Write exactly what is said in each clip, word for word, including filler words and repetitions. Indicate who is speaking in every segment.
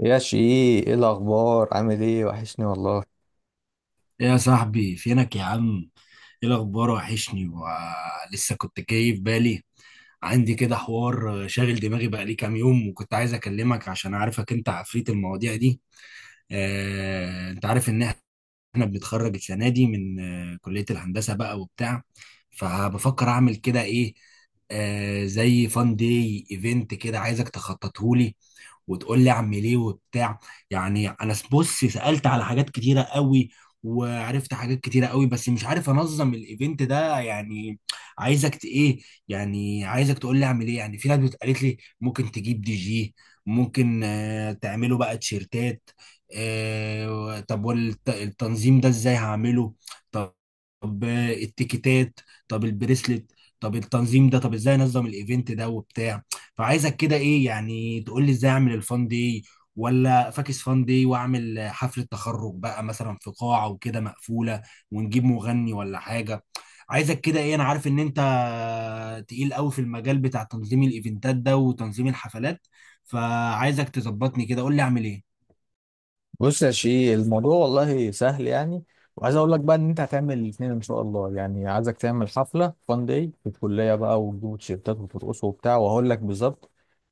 Speaker 1: يا شيء، ايه الاخبار؟ عامل ايه؟ وحشني والله.
Speaker 2: إيه يا صاحبي؟ فينك يا عم؟ ايه الاخبار؟ وحشني ولسه كنت جاي في بالي. عندي كده حوار شاغل دماغي بقالي كام يوم، وكنت عايز اكلمك عشان عارفك انت عفريت المواضيع دي. آه، انت عارف ان احنا بنتخرج السنه دي من آه، كليه الهندسه بقى وبتاع. فبفكر اعمل كده ايه، آه، زي فان داي ايفنت كده. عايزك تخططهولي وتقول لي اعمل ايه وبتاع. يعني انا س- بص سالت على حاجات كتيره قوي، وعرفت حاجات كتيره قوي، بس مش عارف انظم الايفنت ده يعني. عايزك ت- ايه، يعني عايزك تقول لي اعمل ايه. يعني في ناس بت- قالت لي ممكن تجيب دي جي، ممكن آه، تعمله بقى تيشيرتات. آه، طب والتنظيم ده ازاي هعمله؟ طب طب التيكيتات؟ طب البريسلت؟ طب التنظيم ده، طب ازاي انظم الايفنت ده وبتاع؟ فعايزك كده ايه، يعني تقول لي ازاي اعمل الفان دي، ولا فاكس فان دي، واعمل حفلة تخرج بقى مثلا في قاعة وكده مقفولة، ونجيب مغني ولا حاجة. عايزك كده ايه. انا عارف ان انت تقيل قوي في المجال بتاع تنظيم الايفنتات ده وتنظيم الحفلات. فعايزك تظبطني كده، قول لي اعمل ايه.
Speaker 1: بص يا شيء، الموضوع والله سهل يعني. وعايز اقول لك بقى ان انت هتعمل الاثنين ان شاء الله، يعني عايزك تعمل حفله فان داي في الكليه بقى وتجيبوا تيشيرتات وترقصوا وبتاع، وهقول لك بالظبط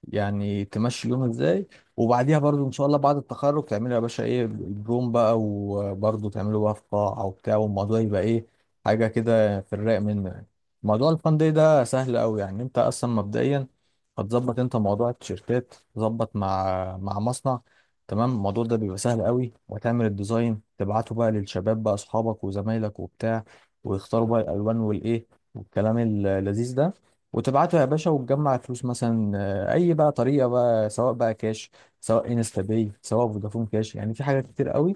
Speaker 1: يعني تمشي اليوم ازاي. وبعديها برضو ان شاء الله بعد التخرج تعملوا يا باشا ايه البروم بقى، وبرضو تعملوا بقى في قاعه وبتاع، والموضوع يبقى ايه، حاجه كده في الرايق منه يعني. موضوع الفان داي ده سهل قوي يعني. انت اصلا مبدئيا هتظبط انت موضوع التيشيرتات، تظبط مع مع مصنع. تمام، الموضوع ده بيبقى سهل قوي. وتعمل الديزاين تبعته بقى للشباب بقى، اصحابك وزمايلك وبتاع، ويختاروا بقى الالوان والايه والكلام اللذيذ ده. وتبعته يا باشا وتجمع فلوس، مثلا آه، اي بقى طريقه بقى، سواء بقى كاش سواء انستا باي سواء فودافون كاش، يعني في حاجات كتير قوي.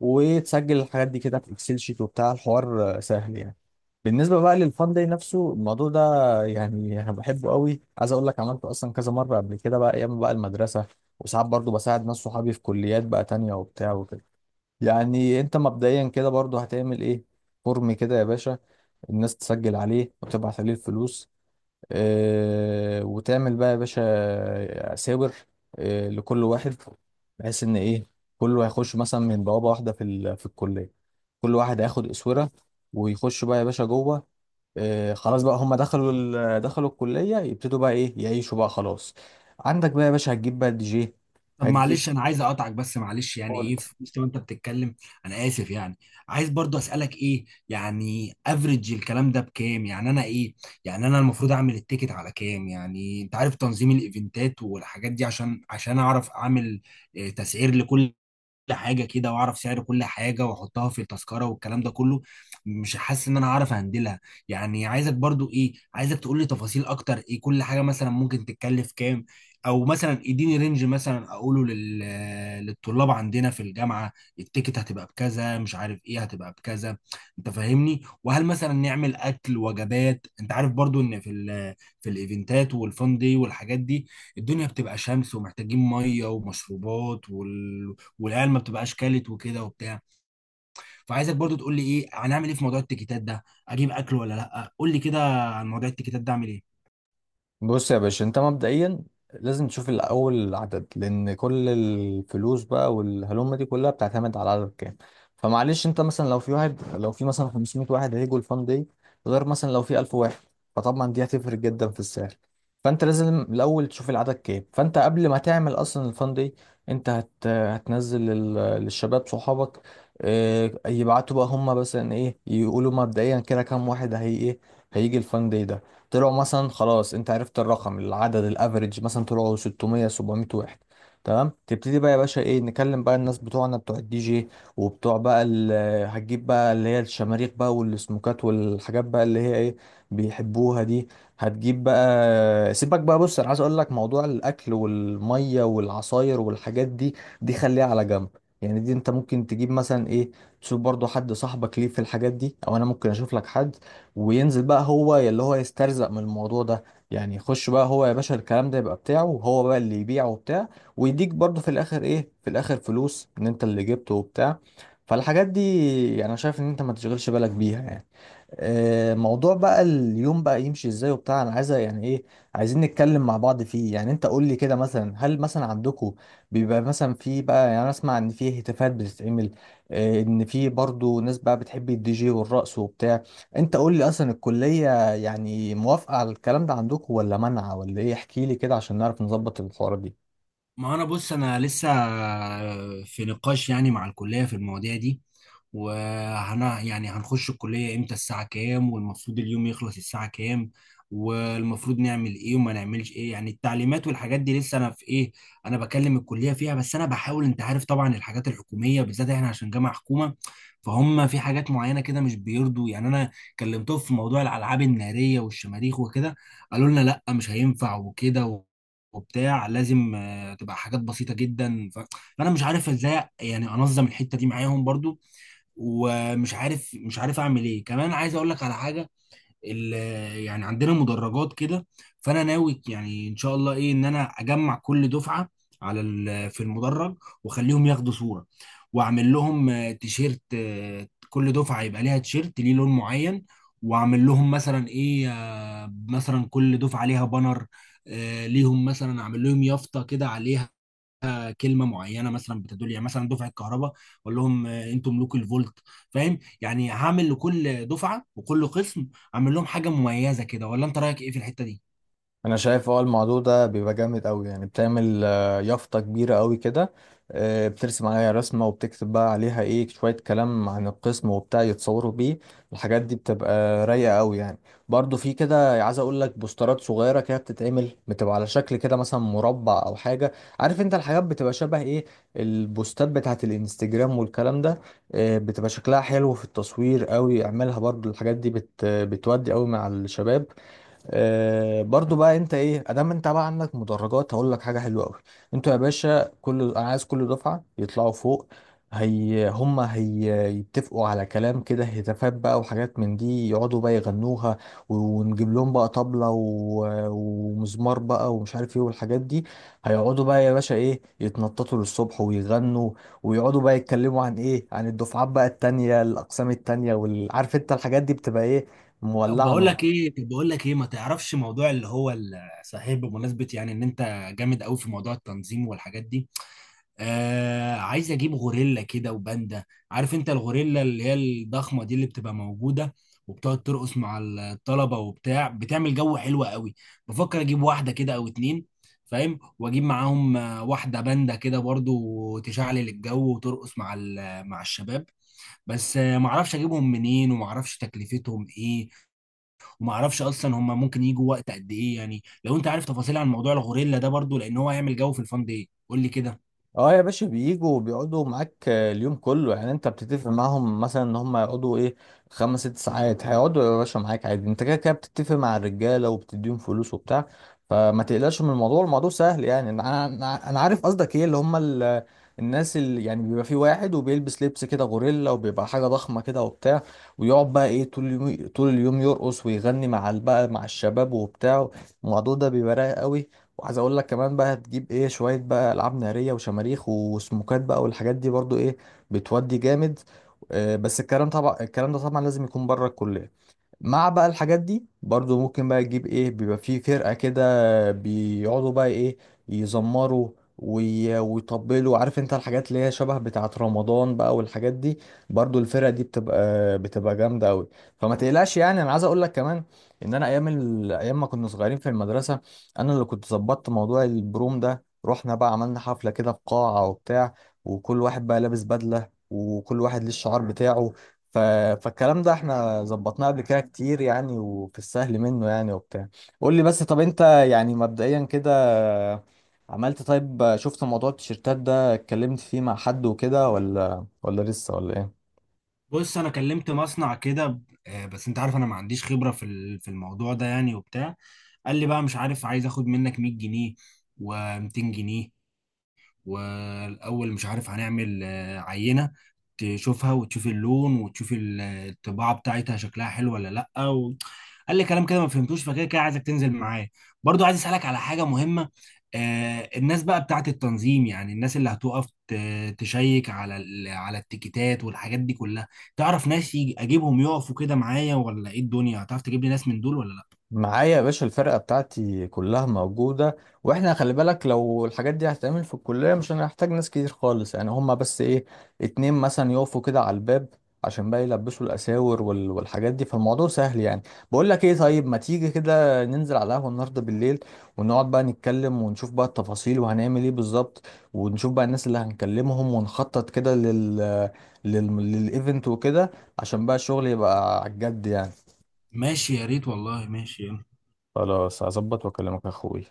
Speaker 1: وتسجل الحاجات دي كده في اكسل شيت وبتاع الحوار آه، سهل يعني. بالنسبة بقى للفان داي نفسه، الموضوع ده يعني أنا بحبه قوي. عايز أقول لك عملته أصلا كذا مرة قبل كده بقى، أيام بقى المدرسة، وساعات برضو بساعد ناس صحابي في كليات بقى تانية وبتاع وكده. يعني أنت مبدئيا كده برضو هتعمل إيه، فورم كده يا باشا، الناس تسجل عليه وتبعت عليه الفلوس. اه، وتعمل بقى يا باشا آه، ساور، اه، لكل واحد، بحيث إن إيه، كله هيخش مثلا من بوابة واحدة في ال- في الكلية. كل واحد هياخد أسورة ويخش بقى يا باشا جوه. آه، خلاص بقى، هم دخلوا ال- دخلوا الكلية، يبتدوا بقى ايه، يعيشوا بقى خلاص. عندك بقى يا باشا هتجيب بقى دي جي،
Speaker 2: طب
Speaker 1: هتجيب،
Speaker 2: معلش، انا عايز اقطعك بس معلش يعني
Speaker 1: قول.
Speaker 2: ايه في وسط ما انت بتتكلم. انا اسف يعني. عايز برضو اسالك ايه. يعني افريج الكلام ده بكام؟ يعني انا ايه؟ يعني انا المفروض اعمل التيكت على كام؟ يعني انت عارف تنظيم الايفنتات والحاجات دي، عشان عشان اعرف اعمل آه، تسعير لكل حاجه كده، واعرف سعر كل حاجه واحطها في التذكره والكلام ده كله. مش حاسس ان انا عارف اهندلها. يعني عايزك برضو ايه، عايزك تقول لي تفاصيل اكتر. ايه كل حاجه مثلا ممكن تتكلف كام، او مثلا اديني رينج مثلا اقوله لل... للطلاب عندنا في الجامعه. التيكت هتبقى بكذا، مش عارف ايه هتبقى بكذا. انت فاهمني؟ وهل مثلا نعمل اكل وجبات؟ انت عارف برضو ان في ال... في الايفنتات والفان دي والحاجات دي، الدنيا بتبقى شمس، ومحتاجين ميه ومشروبات وال... والعيال ما بتبقاش كلت وكده وبتاع. فعايزك برضو تقول لي ايه، هنعمل ايه في موضوع التيكيتات ده؟ اجيب اكل ولا لا؟ قول لي كده عن موضوع التيكيتات ده، اعمل ايه.
Speaker 1: بص يا باشا، انت مبدئيا لازم تشوف الاول العدد، لان كل الفلوس بقى والهلومه دي كلها بتعتمد على العدد كام. فمعلش انت، مثلا لو في واحد، لو في مثلا خمسمية واحد هيجوا الفان دي، غير مثلا لو في ألف واحد، فطبعا دي هتفرق جدا في السعر. فانت لازم الاول تشوف العدد كام، فانت قبل ما تعمل اصلا الفان دي، انت هت... هتنزل لل... للشباب صحابك، اه... يبعتوا بقى هم مثلا ايه، يقولوا مبدئيا كده كام واحد هي ايه هيجي الفان دي. طلعوا مثلا خلاص، انت عرفت الرقم، العدد الافريج مثلا طلعوا ستمية سبعمية واحد، تمام. تبتدي بقى يا باشا ايه، نكلم بقى الناس بتوعنا بتوع الدي جي، وبتوع بقى ال- هتجيب بقى اللي هي الشماريخ بقى والسموكات والحاجات بقى اللي هي ايه، بيحبوها دي. هتجيب بقى، سيبك بقى، بص انا عايز اقول لك موضوع الاكل والميه والعصاير والحاجات دي، دي خليها على جنب. يعني دي انت ممكن تجيب مثلا ايه، تشوف برضو حد صاحبك ليه في الحاجات دي، او انا ممكن اشوف لك حد، وينزل بقى هو اللي هو يسترزق من الموضوع ده، يعني يخش بقى هو يا باشا، الكلام ده يبقى بتاعه وهو بقى اللي يبيعه وبتاع، ويديك برضه في الاخر ايه، في الاخر فلوس ان انت اللي جبته وبتاع. فالحاجات دي يعني انا شايف ان انت ما تشغلش بالك بيها يعني. آه، موضوع بقى اليوم بقى يمشي ازاي وبتاع، انا عايزه يعني ايه، عايزين نتكلم مع بعض فيه يعني. انت قول لي كده، مثلا هل مثلا عندكم بيبقى مثلا في بقى، يعني انا اسمع ان في هتافات بتتعمل، آه، ان في برضو ناس بقى بتحب الدي جي والرقص وبتاع. انت قول لي، اصلا الكليه يعني موافقه على الكلام ده عندكم، ولا منعه، ولا ايه؟ احكي لي كده عشان نعرف نظبط الحوارات دي.
Speaker 2: ما انا بص، انا لسه في نقاش يعني مع الكليه في المواضيع دي. وهنا يعني هنخش الكليه امتى، الساعه كام، والمفروض اليوم يخلص الساعه كام، والمفروض نعمل ايه وما نعملش ايه، يعني التعليمات والحاجات دي لسه انا في ايه، انا بكلم الكليه فيها. بس انا بحاول. انت عارف طبعا الحاجات الحكوميه بالذات، احنا عشان جامعه حكومه، فهم في حاجات معينه كده مش بيرضوا. يعني انا كلمتهم في موضوع الالعاب الناريه والشماريخ وكده، قالوا لنا لا مش هينفع وكده وبتاع. لازم هتبقى حاجات بسيطه جدا. ف... فانا مش عارف ازاي يعني انظم الحته دي معاهم برضو. ومش عارف مش عارف اعمل ايه. كمان عايز اقول لك على حاجه. ال... يعني عندنا مدرجات كده، فانا ناوي يعني ان شاء الله ايه ان انا اجمع كل دفعه على ال... في المدرج، واخليهم ياخدوا صوره. واعمل لهم آه، تيشيرت. آه، كل دفعه يبقى ليها تيشيرت ليه لون معين. واعمل لهم مثلا ايه، آه، مثلا كل دفعه ليها بانر. آه، ليهم مثلا اعمل لهم يافطه كده عليها كلمه معينه مثلا بتدل يعني مثلا دفعه كهرباء، اقول لهم آه، انتوا ملوك الفولت. فاهم؟ يعني هعمل لكل دفعه وكل قسم اعمل لهم حاجه مميزه كده، ولا انت رايك ايه في الحته دي؟
Speaker 1: انا شايف اه الموضوع ده بيبقى جامد قوي، يعني بتعمل آه، يافطه كبيره قوي كده، آه، بترسم عليها رسمه وبتكتب بقى عليها ايه، شويه كلام عن القسم وبتاع، يتصوروا بيه. الحاجات دي بتبقى رايقه قوي يعني. برضو في كده عايز اقول لك، بوسترات صغيره كده بتتعمل، بتبقى على شكل كده مثلا مربع او حاجه، عارف انت الحاجات بتبقى شبه ايه، البوستات بتاعت الانستجرام والكلام ده. آه، بتبقى شكلها حلو في التصوير قوي، اعملها برضو، الحاجات دي بت بتودي قوي مع الشباب. آه، برضو بقى انت ايه، ادام انت بقى عندك مدرجات هقول لك حاجه حلوه قوي. انتوا يا باشا كل، انا عايز كل دفعه يطلعوا فوق، هي هم هي، يتفقوا على كلام كده، هتافات بقى وحاجات من دي، يقعدوا بقى يغنوها. ونجيب لهم بقى طبلة و- ومزمار بقى ومش عارف ايه والحاجات دي. هيقعدوا بقى يا باشا ايه، يتنططوا للصبح ويغنوا، ويقعدوا بقى يتكلموا عن ايه، عن الدفعات بقى التانية، الاقسام التانية، والعارف انت الحاجات دي بتبقى ايه،
Speaker 2: طب
Speaker 1: مولعة
Speaker 2: بقول
Speaker 1: نار.
Speaker 2: لك ايه طب بقول لك ايه ما تعرفش موضوع اللي هو ال- صحيح، بمناسبه يعني ان انت جامد قوي في موضوع التنظيم والحاجات دي، آه عايز اجيب غوريلا كده وباندا. عارف انت الغوريلا اللي هي الضخمه دي، اللي بتبقى موجوده وبتقعد ترقص مع الطلبه وبتاع، بتعمل جو حلو قوي. بفكر اجيب واحده كده او اتنين، فاهم؟ واجيب معاهم آه، واحده باندا كده برضو تشعلل الجو وترقص مع ال- مع الشباب. بس آه، معرفش اجيبهم منين، ومعرفش تكلفتهم ايه، ومعرفش اصلا هم ممكن يجوا وقت قد ايه. يعني لو انت عارف تفاصيل عن موضوع الغوريلا ده برضو، لان هو هيعمل جو في الفان دي، قول لي كده.
Speaker 1: اه يا باشا، بيجوا بيقعدوا معاك آه، اليوم كله. يعني انت بتتفق معاهم مثلا ان هم يقعدوا ايه، خمس ست ساعات، هيقعدوا يا باشا معاك عادي، انت كده كده بتتفق مع الرجاله وبتديهم فلوس وبتاع. فما تقلقش من الموضوع، الموضوع سهل يعني. انا انا أنا عارف قصدك ايه، اللي هم ال- الناس اللي يعني بيبقى في واحد وبيلبس لبس كده غوريلا، وبيبقى حاجه ضخمه كده وبتاع، ويقعد بقى ايه طول اليوم، طول اليوم يرقص ويغني مع ال- بقى مع الشباب وبتاع. الموضوع ده بيبقى رايق قوي. وعايز اقول لك كمان بقى، هتجيب ايه شويه بقى العاب ناريه وشماريخ وسموكات بقى والحاجات دي برضو ايه، بتودي جامد. آه، بس الكلام طبعا، الكلام ده طبعا لازم يكون بره الكليه. مع بقى الحاجات دي برضو ممكن بقى تجيب ايه، بيبقى فيه فرقة كده، بيقعدوا بقى ايه يزمروا وي- ويطبلوا، عارف انت الحاجات اللي هي شبه بتاعة رمضان بقى والحاجات دي. برضو الفرقة دي بتبقى بتبقى جامدة قوي. فما تقلقش يعني. انا عايز اقول لك كمان، ان انا ايام ال... ايام ما كنا صغيرين في المدرسة، انا اللي كنت ظبطت موضوع البروم ده، رحنا بقى عملنا حفلة كده في قاعة وبتاع، وكل واحد بقى لابس بدلة، وكل واحد ليه الشعار بتاعه. ف... فالكلام ده احنا ظبطناه قبل كده كتير يعني، وفي السهل منه يعني وبتاع. قول لي بس، طب انت يعني مبدئيا كده عملت، طيب شفت موضوع التيشيرتات ده، اتكلمت فيه مع حد وكده، ولا ولا لسه، ولا ايه؟
Speaker 2: بص انا كلمت مصنع كده. آه، بس انت عارف انا ما عنديش خبره في ال- في الموضوع ده يعني وبتاع. قال لي بقى مش عارف، عايز اخد منك مية جنيه و200 جنيه، والاول مش عارف هنعمل آه، عينه تشوفها وتشوف اللون وتشوف ال- آه، الطباعه بتاعتها شكلها حلو ولا لا و... قال لي كلام كده ما فهمتوش. فكده كده عايزك تنزل معايا. برضو عايز اسالك على حاجه مهمه. آه الناس بقى بتاعت التنظيم، يعني الناس اللي هتقف ت- تشيك على ال- على التيكيتات والحاجات دي كلها. تعرف ناس يجي اجيبهم يقفوا كده معايا ولا ايه؟ الدنيا هتعرف تجيب لي ناس من دول ولا لا؟
Speaker 1: معايا يا باشا الفرقة بتاعتي كلها موجودة. واحنا خلي بالك، لو الحاجات دي هتتعمل في الكلية مش هنحتاج ناس كتير خالص، يعني هما بس ايه، اتنين مثلا يقفوا كده على الباب عشان بقى يلبسوا الأساور وال- والحاجات دي، فالموضوع سهل يعني. بقول لك ايه، طيب ما تيجي كده ننزل على القهوة النهاردة بالليل، ونقعد بقى نتكلم ونشوف بقى التفاصيل وهنعمل ايه بالظبط، ونشوف بقى الناس اللي هنكلمهم، ونخطط كده لل لل للإيفنت وكده، عشان بقى الشغل يبقى على الجد يعني.
Speaker 2: ماشي، يا ريت والله، ماشي.
Speaker 1: خلاص، هظبط واكلمك يا اخوي.